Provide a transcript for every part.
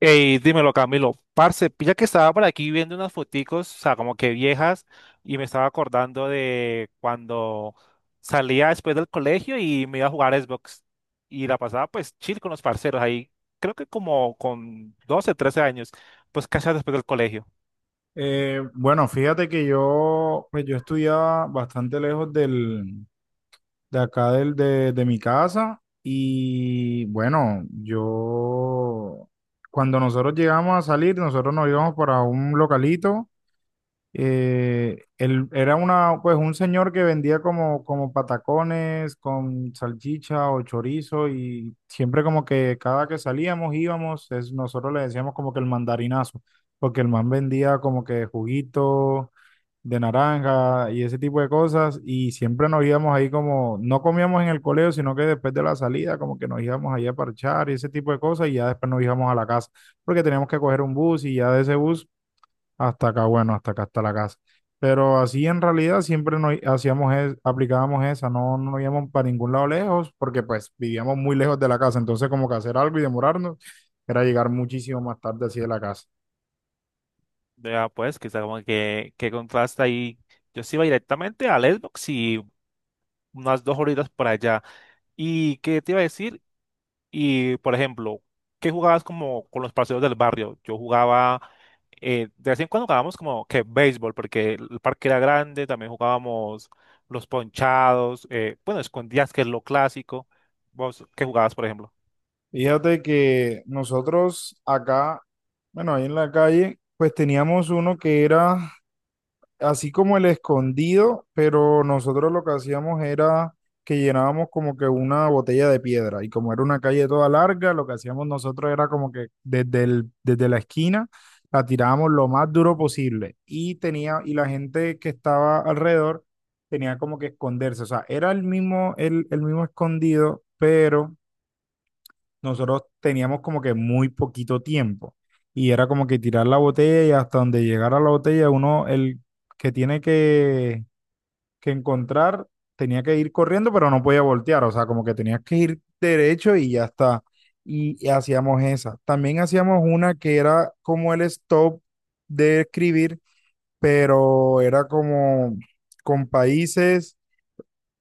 Ey, dímelo, Camilo. Parce, pilla que estaba por aquí viendo unas foticos, o sea, como que viejas, y me estaba acordando de cuando salía después del colegio y me iba a jugar Xbox. Y la pasaba pues chill con los parceros ahí, creo que como con 12, 13 años, pues casi después del colegio. Bueno, fíjate que yo estudiaba bastante lejos de acá de mi casa y bueno, yo, cuando nosotros llegamos a salir, nosotros nos íbamos para un localito él era una, pues un señor que vendía como patacones con salchicha o chorizo y siempre como que cada que salíamos, nosotros le decíamos como que el mandarinazo, porque el man vendía como que juguito de naranja y ese tipo de cosas y siempre nos íbamos ahí como, no comíamos en el colegio, sino que después de la salida como que nos íbamos ahí a parchar y ese tipo de cosas y ya después nos íbamos a la casa, porque teníamos que coger un bus y ya de ese bus hasta acá, bueno, hasta acá está la casa. Pero así en realidad siempre nos aplicábamos esa, no, no íbamos para ningún lado lejos, porque pues vivíamos muy lejos de la casa, entonces como que hacer algo y demorarnos era llegar muchísimo más tarde así de la casa. Ya pues, que está como que contraste ahí. Yo sí iba directamente al Xbox y unas dos horitas por allá. ¿Y qué te iba a decir? Y, por ejemplo, ¿qué jugabas como con los parceros del barrio? Yo jugaba, de vez en cuando jugábamos como que béisbol, porque el parque era grande, también jugábamos los ponchados, bueno, escondidas que es lo clásico. ¿Vos qué jugabas, por ejemplo? Fíjate que nosotros acá, bueno, ahí en la calle, pues teníamos uno que era así como el escondido, pero nosotros lo que hacíamos era que llenábamos como que una botella de piedra y como era una calle toda larga, lo que hacíamos nosotros era como que desde la esquina la tirábamos lo más duro posible y tenía y la gente que estaba alrededor tenía como que esconderse, o sea, era el mismo el mismo escondido, pero nosotros teníamos como que muy poquito tiempo y era como que tirar la botella y hasta donde llegara la botella uno, el que tiene que encontrar, tenía que ir corriendo, pero no podía voltear, o sea, como que tenías que ir derecho y ya está. Y hacíamos esa. También hacíamos una que era como el stop de escribir, pero era como con países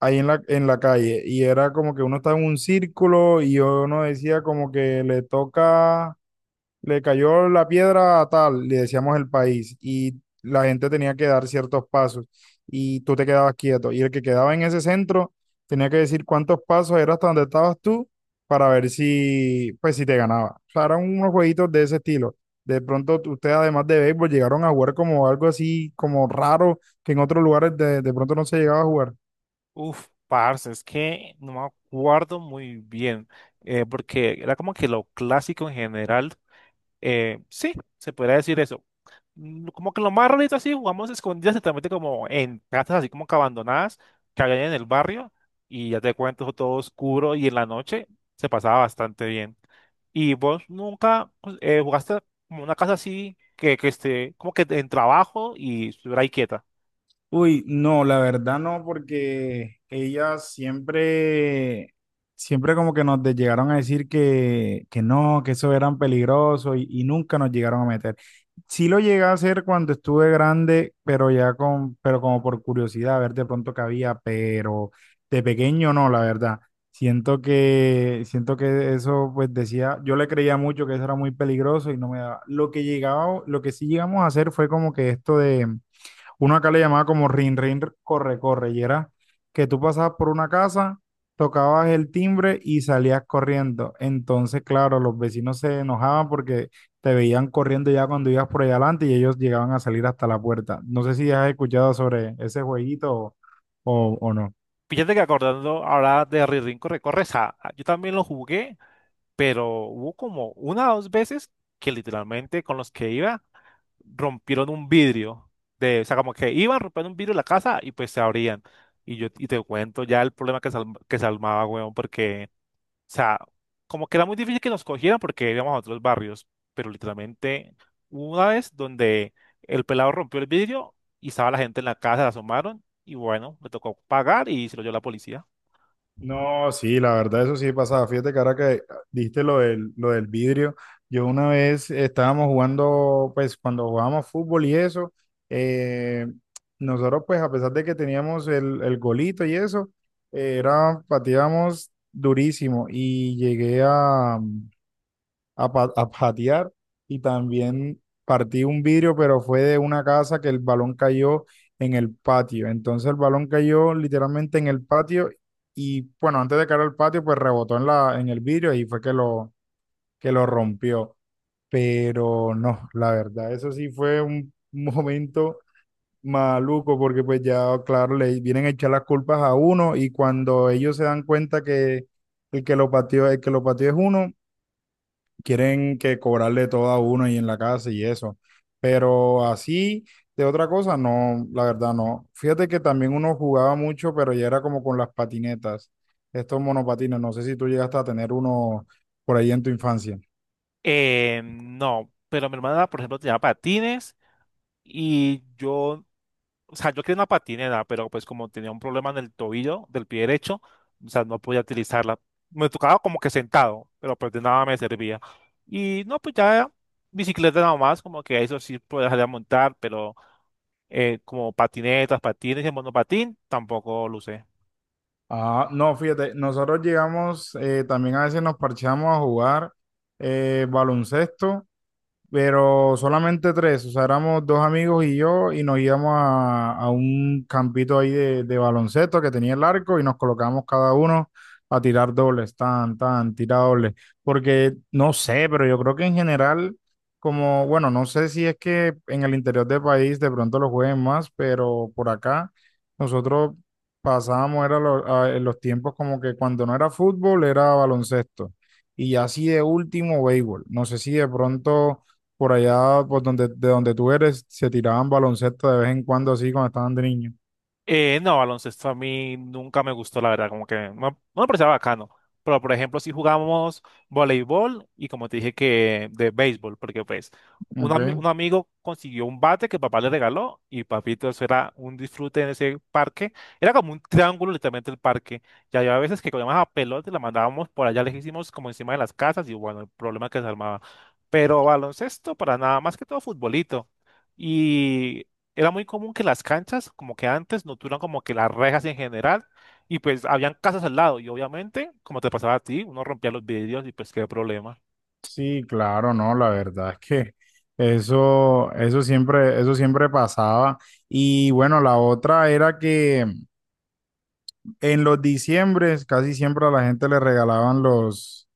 ahí en en la calle y era como que uno estaba en un círculo y uno decía como que le toca, le cayó la piedra a tal, le decíamos el país y la gente tenía que dar ciertos pasos y tú te quedabas quieto y el que quedaba en ese centro tenía que decir cuántos pasos era hasta donde estabas tú para ver si, pues si te ganaba. O sea, eran unos jueguitos de ese estilo. De pronto ustedes además de béisbol llegaron a jugar como algo así como raro que en otros lugares de pronto no se llegaba a jugar. Uf, parce, es que no me acuerdo muy bien, porque era como que lo clásico en general. Sí, se podría decir eso. Como que lo más rarito así, jugamos escondidas, exactamente como en casas así como que abandonadas, que había en el barrio, y ya te cuento todo oscuro y en la noche se pasaba bastante bien. ¿Y vos nunca pues, jugaste como una casa así que esté como que en trabajo y estuviera ahí quieta? Uy, no, la verdad no, porque ellas siempre, siempre como que llegaron a decir que no, que eso eran peligrosos y nunca nos llegaron a meter. Sí lo llegué a hacer cuando estuve grande, pero ya con, pero como por curiosidad, a ver de pronto qué había, pero de pequeño no, la verdad. Siento que eso, pues decía, yo le creía mucho que eso era muy peligroso y no me daba. Lo que llegaba, lo que sí llegamos a hacer fue como que esto uno acá le llamaba como rin, rin, corre, corre, y era que tú pasabas por una casa, tocabas el timbre y salías corriendo. Entonces, claro, los vecinos se enojaban porque te veían corriendo ya cuando ibas por allá adelante y ellos llegaban a salir hasta la puerta. ¿No sé si has escuchado sobre ese jueguito o, o no? Fíjate que acordando ahora de Rirrín Corre Corre, yo también lo jugué, pero hubo como una o dos veces que literalmente con los que iba rompieron un vidrio de, o sea, como que iban rompiendo un vidrio de la casa y pues se abrían. Y yo y te cuento ya el problema que se armaba, weón, porque, o sea, como que era muy difícil que nos cogieran porque íbamos a otros barrios, pero literalmente hubo una vez donde el pelado rompió el vidrio y estaba la gente en la casa, la asomaron y bueno, le tocó pagar y se lo dio la policía. No, sí, la verdad, eso sí pasaba. Fíjate que ahora que dijiste lo del vidrio, yo una vez estábamos jugando, pues cuando jugábamos fútbol y eso, eh, nosotros pues a pesar de que teníamos el golito y eso, era, pateábamos durísimo y llegué a patear y también partí un vidrio, pero fue de una casa que el balón cayó en el patio. Entonces el balón cayó literalmente en el patio y bueno, antes de caer al patio, pues rebotó en en el vidrio y fue que que lo rompió. Pero no, la verdad, eso sí fue un momento maluco porque pues ya, claro, le vienen a echar las culpas a uno y cuando ellos se dan cuenta que el que lo pateó, el que lo pateó es uno, quieren que cobrarle todo a uno y en la casa y eso. Pero así, de otra cosa, no, la verdad no. Fíjate que también uno jugaba mucho, pero ya era como con las patinetas, estos monopatines. No sé si tú llegaste a tener uno por ahí en tu infancia. No, pero mi hermana, por ejemplo, tenía patines y yo. O sea, yo quería una patineta, pero pues como tenía un problema en el tobillo del pie derecho, o sea, no podía utilizarla. Me tocaba como que sentado, pero pues de nada me servía. Y no, pues ya bicicleta nada más, como que eso sí podía salir a montar, pero como patinetas, patines y monopatín, tampoco lo usé. Ah, no, fíjate, nosotros llegamos, también a veces nos parchamos a jugar baloncesto pero solamente tres, o sea, éramos dos amigos y yo, y nos íbamos a un campito ahí de baloncesto que tenía el arco y nos colocábamos cada uno a tirar dobles, tan, tan, tira dobles, porque no sé, pero yo creo que en general, como, bueno, no sé si es que en el interior del país de pronto lo jueguen más, pero por acá nosotros pasábamos, era en los tiempos como que cuando no era fútbol, era baloncesto. Y así de último, béisbol. No sé si de pronto por allá, por donde, de donde tú eres, se tiraban baloncesto de vez en cuando así cuando estaban de niño. No, baloncesto a mí nunca me gustó, la verdad, como que no, no me parecía bacano. Pero, por ejemplo, si jugamos voleibol y como te dije que de béisbol, porque pues un, ami- Ok. un amigo consiguió un bate que papá le regaló y papito, eso era un disfrute en ese parque. Era como un triángulo literalmente el parque. Y había veces que cogíamos a pelota y la mandábamos por allá lejísimos como encima de las casas y bueno, el problema que se armaba. Pero baloncesto para nada, más que todo futbolito. Y era muy común que las canchas, como que antes, no tuvieran como que las rejas en general, y pues habían casas al lado, y obviamente, como te pasaba a ti, uno rompía los vidrios y pues qué problema. Sí, claro, no, la verdad es que eso, eso siempre pasaba. Y bueno, la otra era que en los diciembres casi siempre a la gente le regalaban los,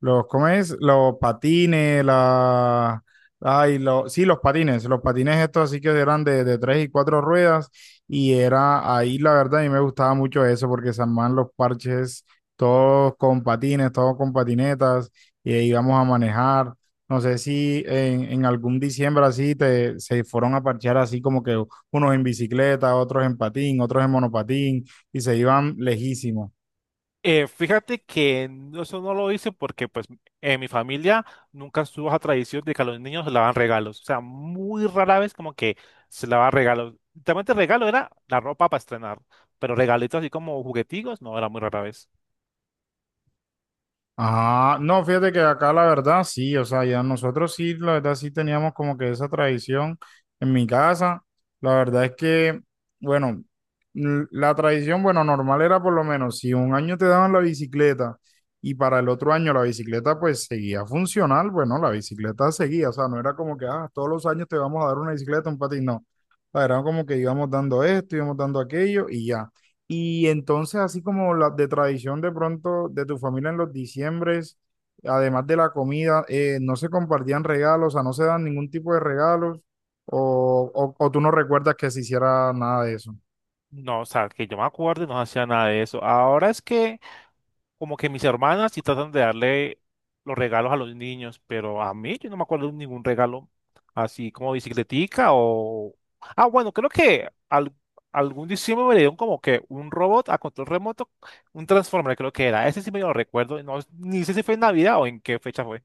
Los, ¿cómo es? Los patines, la... Ay, lo, sí, los patines estos así que eran de tres y cuatro ruedas y era ahí la verdad a mí me gustaba mucho eso porque se armaban los parches todos con patines, todos con patinetas y ahí íbamos a manejar. No sé si en algún diciembre así te, se fueron a parchear así como que unos en bicicleta, otros en patín, otros en monopatín y se iban lejísimos. Fíjate que eso no lo hice porque pues en mi familia nunca estuvo esa tradición de que a los niños se le daban regalos, o sea, muy rara vez como que se le daban regalos. Literalmente regalo era la ropa para estrenar, pero regalitos así como jugueticos, no, era muy rara vez. Ah, no, fíjate que acá la verdad sí, o sea, ya nosotros sí, la verdad sí teníamos como que esa tradición en mi casa. La verdad es que, bueno, la tradición, bueno, normal era por lo menos, si un año te daban la bicicleta y para el otro año la bicicleta pues seguía funcional, bueno, la bicicleta seguía, o sea, no era como que, ah, todos los años te vamos a dar una bicicleta, un patín, no. O sea, era como que íbamos dando esto, íbamos dando aquello y ya. Y entonces, así como la de tradición de pronto de tu familia en los diciembres, además de la comida, ¿no se compartían regalos, o sea, no se dan ningún tipo de regalos, o tú no recuerdas que se hiciera nada de eso? No, o sea, que yo me acuerdo y no hacía nada de eso. Ahora es que como que mis hermanas sí tratan de darle los regalos a los niños, pero a mí yo no me acuerdo de ningún regalo así como bicicletica o... Ah, bueno, creo que algún diciembre me dieron como que un robot a control remoto, un Transformer creo que era. Ese sí me lo recuerdo, no, ni sé si fue en Navidad o en qué fecha fue.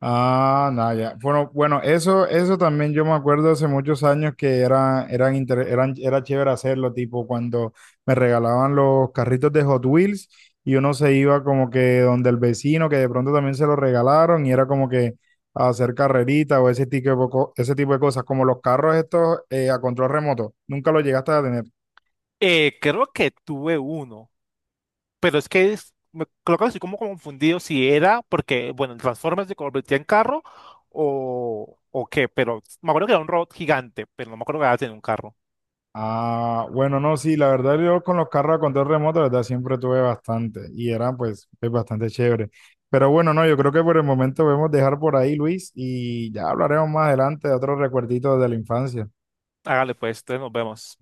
Ah, nada, ya. Bueno, bueno, eso también yo me acuerdo hace muchos años que era, eran, inter- eran, era chévere hacerlo, tipo cuando me regalaban los carritos de Hot Wheels y uno se iba como que donde el vecino, que de pronto también se lo regalaron y era como que a hacer carrerita o ese tipo ese tipo de cosas, como los carros estos a control remoto. ¿Nunca lo llegaste a tener? Creo que tuve uno. Pero es que creo que estoy como confundido si era porque, bueno, el Transformers se convertía en carro o qué, pero me acuerdo que era un robot gigante, pero no me acuerdo que era en un carro. Ah, bueno, no, sí, la verdad yo con los carros a control remoto, la verdad siempre tuve bastante y eran pues es bastante chévere. Pero bueno, no, yo creo que por el momento podemos dejar por ahí, Luis, y ya hablaremos más adelante de otros recuerditos de la infancia. Hágale pues, entonces nos vemos.